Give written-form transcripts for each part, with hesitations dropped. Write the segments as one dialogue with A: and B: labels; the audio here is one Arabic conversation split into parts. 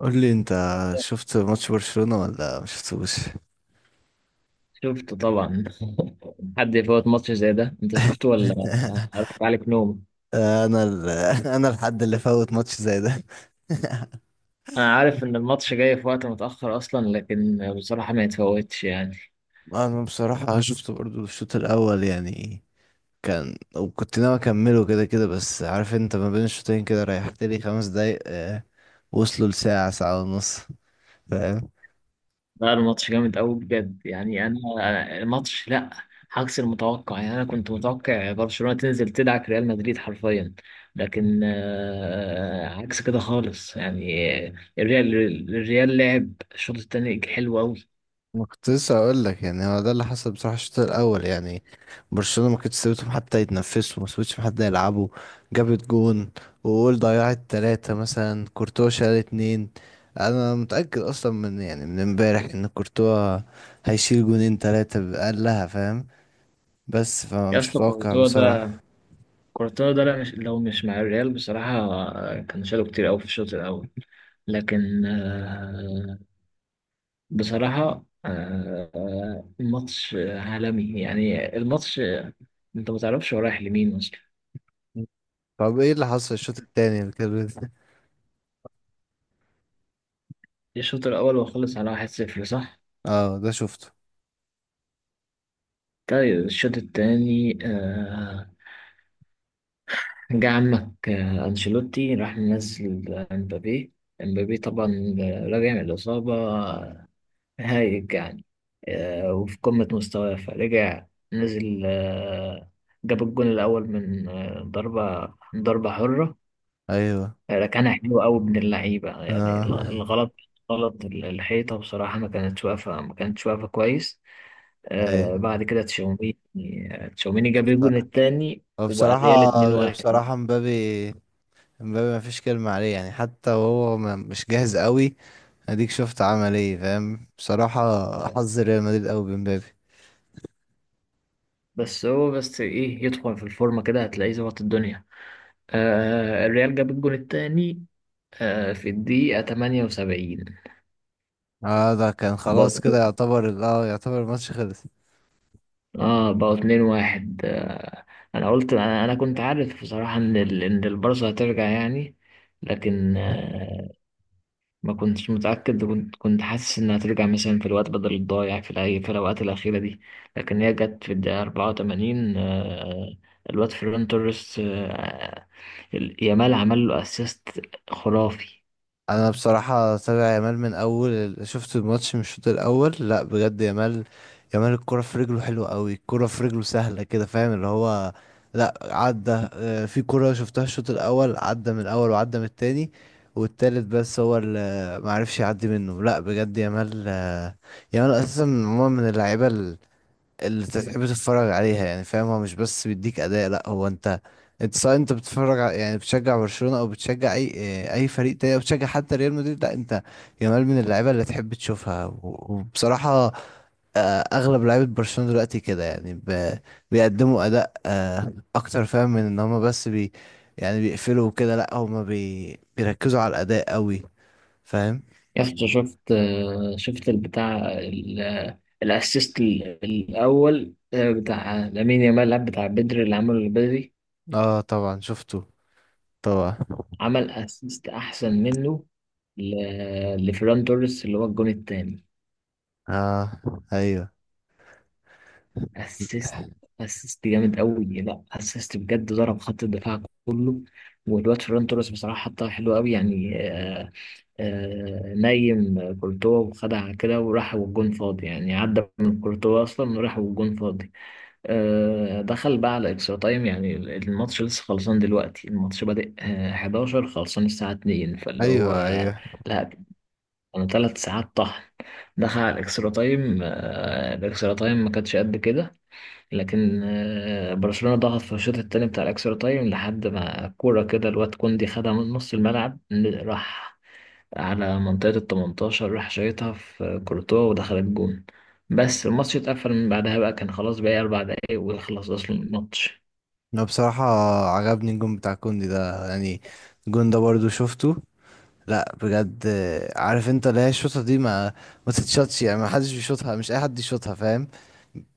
A: قول لي انت، شفت ماتش برشلونة ولا ما شفتوش؟
B: شفته طبعا. حد يفوت ماتش زي ده؟ انت شفته ولا؟ اركب عليك نوم.
A: انا ال... انا الحد اللي فوت ماتش زي ده.
B: انا عارف ان الماتش جاي في وقت متأخر اصلا، لكن بصراحة ما يتفوتش يعني.
A: انا بصراحة شفته برضو الشوط الاول يعني. كان وكنت ناوي اكمله كده كده، بس عارف انت ما بين الشوطين كده ريحت لي 5 دقايق وصلوا لساعة 1:30. فاهم.
B: لا، الماتش جامد قوي بجد يعني، أنا الماتش لا. عكس المتوقع يعني، انا كنت متوقع برشلونة تنزل تدعك ريال مدريد حرفيا. لكن عكس كده خالص يعني. الريال الريال لعب الشوط الثاني حلو قوي.
A: ما كنت لسه اقول لك، يعني هو ده اللي حصل بصراحه. الشوط الاول يعني برشلونه ما كانتش سابتهم حتى يتنفسوا، ما سابتش حد يلعبوا. جابت جون، وقول ضيعت ثلاثه مثلا، كورتوا شال اتنين. انا متاكد اصلا من، يعني من امبارح، ان كورتوا هيشيل جونين ثلاثه بأقلها. فاهم. بس
B: يا
A: فمش
B: اسطى
A: متوقع
B: كورتوا ده.
A: بصراحه.
B: كورتوا ده، لا مش، لو مش مع الريال بصراحة كان شاله كتير أوي في الشوط الأول. لكن بصراحة الماتش عالمي يعني. الماتش أنت متعرفش هو رايح لمين أصلا.
A: طب ايه اللي حصل الشوط التاني
B: الشوط الأول وخلص على واحد صفر صح؟
A: اه ده شفته.
B: طيب الشوط التاني جه عمك أنشيلوتي راح منزل امبابي. امبابي طبعا راجع من الإصابة، هايج يعني. وفي قمة مستواه فرجع، نزل جاب الجون الأول من ضربة حرة.
A: ايوه.
B: كان حلو قوي من اللعيبة يعني.
A: اه.
B: الغلط، غلط الحيطة بصراحة. ما كانتش واقفة كويس.
A: ايه.
B: بعد كده تشاوميني. تشاوميني جاب الجون التاني
A: هو
B: وبقى الريال
A: بصراحه،
B: 2-1.
A: بصراحه مبابي، امبابي ما فيش كلمة عليه، يعني حتى وهو مش جاهز قوي، اديك شفت عمل ايه. فاهم بصراحة، حظ ريال مدريد قوي بامبابي.
B: بس إيه، يدخل في الفورمة كده هتلاقيه ظبط الدنيا. الريال جاب الجون التاني في الدقيقة 78.
A: اه ده كان
B: بقوا
A: خلاص كده
B: اتنين-
A: يعتبر، اه يعتبر الماتش خلص.
B: اه بقوا اتنين واحد. انا قلت، أنا كنت عارف بصراحة ان ان البارسا هترجع يعني. لكن ما كنتش متأكد، كنت حاسس انها هترجع مثلا في الوقت بدل الضايع، في في الاوقات الأخيرة دي. لكن هي جت في الدقيقة 84. الواد فيران توريس يامال عمل له اسيست خرافي.
A: انا بصراحه تابع يامال من اول شفت الماتش من الشوط الاول. لا بجد يامال، يامال الكره في رجله حلوه قوي، الكره في رجله سهله كده. فاهم، اللي هو لا، عدى في كره شفتها الشوط الاول، عدى من الاول وعدى من التاني والتالت، بس هو اللي معرفش يعدي منه. لا بجد يامال، يامال اساسا عموما من اللعيبه اللي انت تحب تتفرج عليها، يعني فاهم. هو مش بس بيديك اداء لا، هو انت، انت سواء انت يعني بتشجع برشلونة او بتشجع اي، اه، اي فريق تاني، او بتشجع حتى ريال مدريد، لا انت، جمال من اللعيبه اللي تحب تشوفها. و- وبصراحه، اه، اغلب لعيبه برشلونة دلوقتي كده، يعني بيقدموا اداء اكتر، فاهم، من ان هما بس بي، يعني بيقفلوا وكده، لا هما بي بيركزوا على الاداء قوي. فاهم.
B: يا اسطى، شفت؟ شفت البتاع الاسيست الاول بتاع لامين يامال؟ لا، بتاع بدري اللي عمله. البدري
A: اه طبعا شفته. طبعا.
B: عمل اسيست احسن منه لفيران توريس اللي هو الجون الثاني.
A: اه. ايوه.
B: اسيست، اسيست جامد قوي. لا اسيست بجد، ضرب خط الدفاع كله. والواد فيران توريس بصراحه حطها حلوه قوي يعني. نايم كورتوا وخدع كده وراح والجون فاضي. يعني عدى من كورتوا اصلا وراح والجون فاضي. دخل بقى على اكسترا تايم. يعني الماتش لسه خلصان دلوقتي. الماتش بادئ 11، خلصان الساعة 2، فاللي هو
A: ايوه. ايوه.
B: لا، كانوا ثلاث ساعات طحن. دخل على الاكسترا تايم. الاكسترا تايم ما كانش قد كده، لكن برشلونة ضغط في الشوط التاني بتاع الاكسترا تايم، لحد ما كورة كده الواد كوندي خدها من نص الملعب، راح على منطقة ال 18، راح شايطها في كورتوا ودخلت جون. بس الماتش اتقفل من بعدها بقى، كان خلاص باقي أربع دقايق ويخلص أصلا الماتش.
A: انا بصراحة عجبني الجون بتاع كوندي ده يعني، الجون ده برضو شفته، لا بجد. عارف انت اللي هي الشوطة دي، ما تتشطش يعني، ما حدش بيشوطها، مش اي حد يشوطها. فاهم.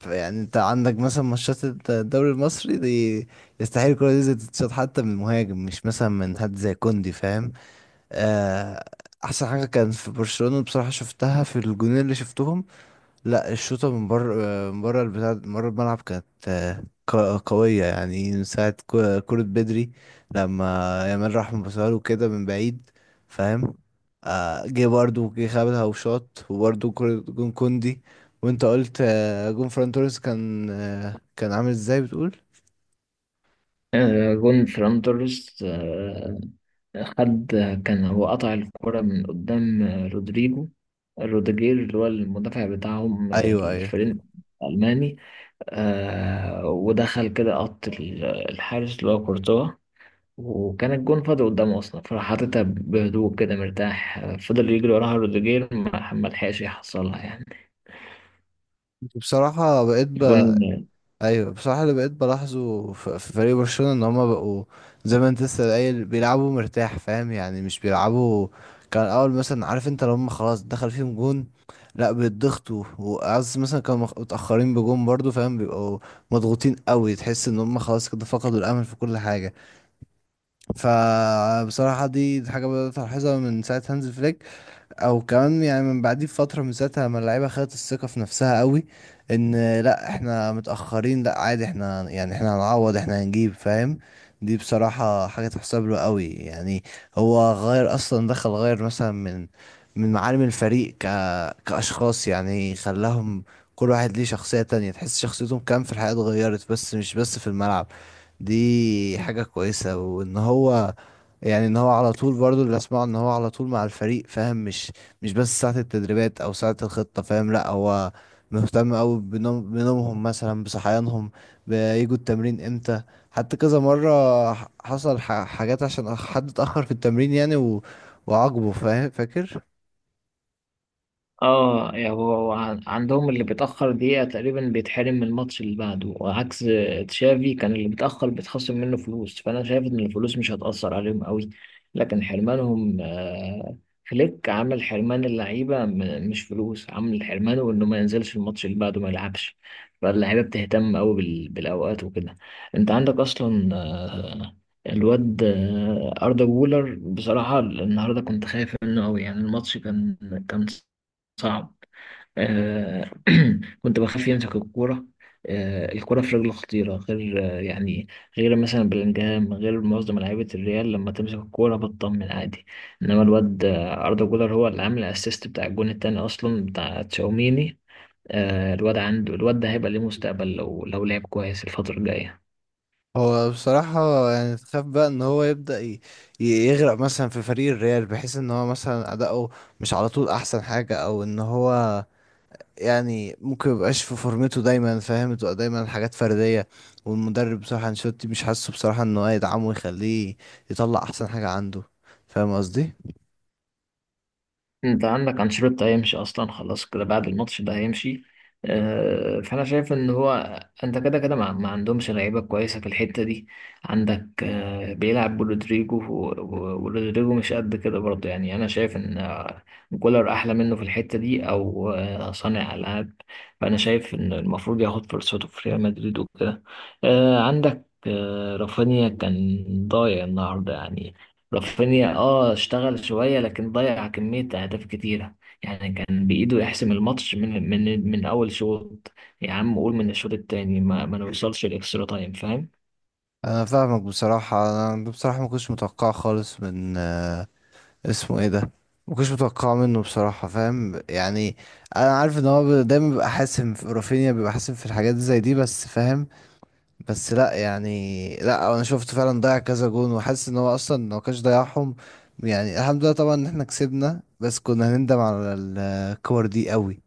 A: يعني انت عندك مثلا ماتشات الدوري المصري دي، يستحيل الكرة دي زي تتشاط، حتى من مهاجم مش مثلا من حد زي كوندي. فاهم. آه، احسن حاجة كان في برشلونة بصراحة شفتها في الجونين اللي شفتهم، لا الشوطة من بره، من بره البتاع، من بره الملعب، كانت قوية يعني. من ساعة كرة بدري، لما يامال راح مبصها له كده من بعيد. فاهم. جه برضه جه خابها وشاط، وبرضه كرة جون كوندي. وانت قلت جون فران توريس كان كان عامل ازاي بتقول؟
B: جون فران توريس خد، كان هو قطع الكرة من قدام رودريجو، روديجير اللي هو المدافع بتاعهم
A: ايوه ايوه.
B: الفريق الألماني. ودخل كده قط الحارس اللي هو كورتوا، وكان الجون فاضي قدامه اصلا، فراح حاططها بهدوء كده مرتاح. فضل يجري وراها روديجير، ما لحقش يحصلها يعني.
A: بصراحة بقيت ب...
B: الجون.
A: ايوه بصراحه، اللي بقيت بلاحظه في فريق برشلونه، ان هما بقوا زي ما انت لسه قايل بيلعبوا مرتاح. فاهم، يعني مش بيلعبوا كان الاول. مثلا عارف انت، لو هما خلاص دخل فيهم جون، لا بيتضغطوا، وعز مثلا كانوا متاخرين بجون برضو. فاهم، بيبقوا مضغوطين قوي، تحس ان هما خلاص كده فقدوا الامل في كل حاجه. فبصراحه دي حاجه بدات الاحظها من ساعه هانز فليك، او كمان يعني من بعديه بفتره. من ساعتها لما اللعيبه خدت الثقه في نفسها قوي، ان لا احنا متاخرين، لا عادي، احنا يعني احنا هنعوض، احنا هنجيب. فاهم. دي بصراحه حاجه تحسب له قوي يعني. هو غير اصلا، دخل غير مثلا من، من معالم الفريق كاشخاص يعني، خلاهم كل واحد ليه شخصيه تانية، تحس شخصيتهم كام في الحياه اتغيرت، بس مش بس في الملعب. دي حاجه كويسه. وان هو يعني ان هو على طول، برضو اللي اسمعه ان هو على طول مع الفريق. فاهم، مش بس ساعة التدريبات او ساعة الخطة. فاهم، لا هو مهتم قوي بنومهم مثلا، بصحيانهم، بيجوا التمرين امتى. حتى كذا مرة حصل حاجات عشان حد اتأخر في التمرين يعني، وعاقبه. فاهم، فاكر.
B: اه يعني هو عندهم اللي بيتأخر دقيقة تقريبا بيتحرم من الماتش اللي بعده. وعكس تشافي، كان اللي بيتأخر بيتخصم منه فلوس. فأنا شايف إن الفلوس مش هتأثر عليهم قوي، لكن حرمانهم فليك عامل حرمان اللعيبة، مش فلوس. عامل حرمانه إنه ما ينزلش الماتش اللي بعده، ما يلعبش. فاللعيبة بتهتم قوي بالأوقات وكده. أنت عندك أصلا الواد أردا جولر، بصراحة النهاردة كنت خايف منه قوي يعني. الماتش كان، كان صعب. آه كنت بخاف يمسك الكورة. الكورة في رجله خطيرة، غير يعني غير مثلا بلينجهام، غير معظم لعيبة الريال لما تمسك الكورة بتطمن عادي. إنما الواد أردا جولر هو اللي عامل الأسيست بتاع الجون التاني أصلا، بتاع تشاوميني. الواد ده هيبقى ليه مستقبل لو لعب كويس الفترة الجاية.
A: هو بصراحة يعني، تخاف بقى ان هو يبدأ يغرق مثلا في فريق الريال، بحيث ان هو مثلا اداؤه مش على طول احسن حاجة، او ان هو يعني ممكن ميبقاش في فورمته دايما. فاهم، تبقى دايما حاجات فردية، والمدرب بصراحة انشيلوتي مش حاسه بصراحة ان هو يدعمه ويخليه يطلع احسن حاجة عنده. فاهم قصدي.
B: انت عندك انشيلوتي هيمشي اصلا، خلاص كده بعد الماتش ده هيمشي. فانا شايف ان هو، انت كده كده ما عندهمش لعيبه كويسه في الحته دي. عندك بيلعب برودريجو ورودريجو مش قد كده برضه يعني. انا شايف ان كولر احلى منه في الحته دي، او صانع العاب. فانا شايف ان المفروض ياخد فرصته في ريال مدريد وكده. عندك رافينيا كان ضايع النهارده يعني. رافينيا اشتغل شوية لكن ضيع كمية أهداف كتيرة. يعني كان بإيده يحسم الماتش من أول شوط. يا عم قول من الشوط التاني، ما نوصلش الإكسترا تايم، فاهم؟
A: انا فاهمك. بصراحة انا بصراحة ما كنتش متوقع خالص من اسمه ايه ده، ما كنتش متوقع منه بصراحة. فاهم يعني، انا عارف ان هو دايما بيبقى حاسم، في رافينيا بيبقى حاسم في الحاجات زي دي بس. فاهم، بس لا يعني لا، انا شفت فعلا ضيع كذا جون، وحاسس ان هو اصلا لو كانش ضيعهم، يعني الحمد لله طبعا ان احنا كسبنا، بس كنا هنندم على الكور دي قوي.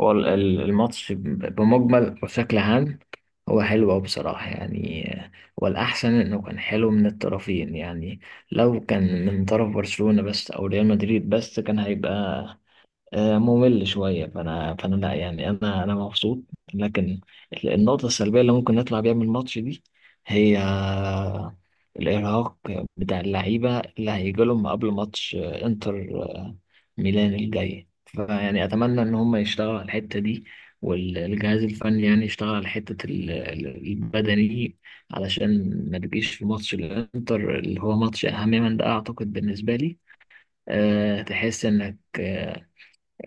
B: هو الماتش بمجمل وشكل عام هو حلو أوي بصراحة يعني. والأحسن إنه كان حلو من الطرفين يعني. لو كان من طرف برشلونة بس أو ريال مدريد بس كان هيبقى ممل شوية. فأنا لا يعني، أنا مبسوط. لكن النقطة السلبية اللي ممكن نطلع بيها من الماتش دي هي الإرهاق بتاع اللعيبة اللي هيجي لهم قبل ماتش إنتر ميلان الجاي. فيعني أتمنى إن هم يشتغلوا على الحتة دي، والجهاز الفني يعني يشتغل على حتة البدني، علشان ما تجيش في ماتش الإنتر اللي هو ماتش أهم من ده أعتقد بالنسبة لي. تحس إنك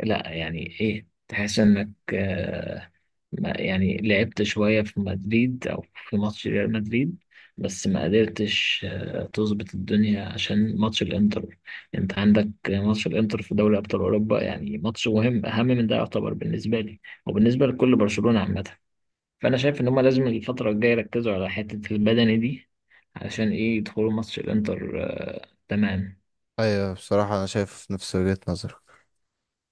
B: لا يعني ايه، تحس انك آه، ما يعني لعبت شوية في مدريد او في ماتش ريال مدريد، بس ما قدرتش تظبط الدنيا عشان ماتش الانتر. انت عندك ماتش الانتر في دوري ابطال اوروبا، يعني ماتش مهم اهم من ده يعتبر بالنسبة لي وبالنسبة لكل برشلونة عامة. فانا شايف ان هما لازم الفترة الجاية يركزوا على حتة البدني دي، علشان ايه؟ يدخلوا ماتش الانتر تمام.
A: ايوه بصراحة انا شايف نفس وجهة نظرك.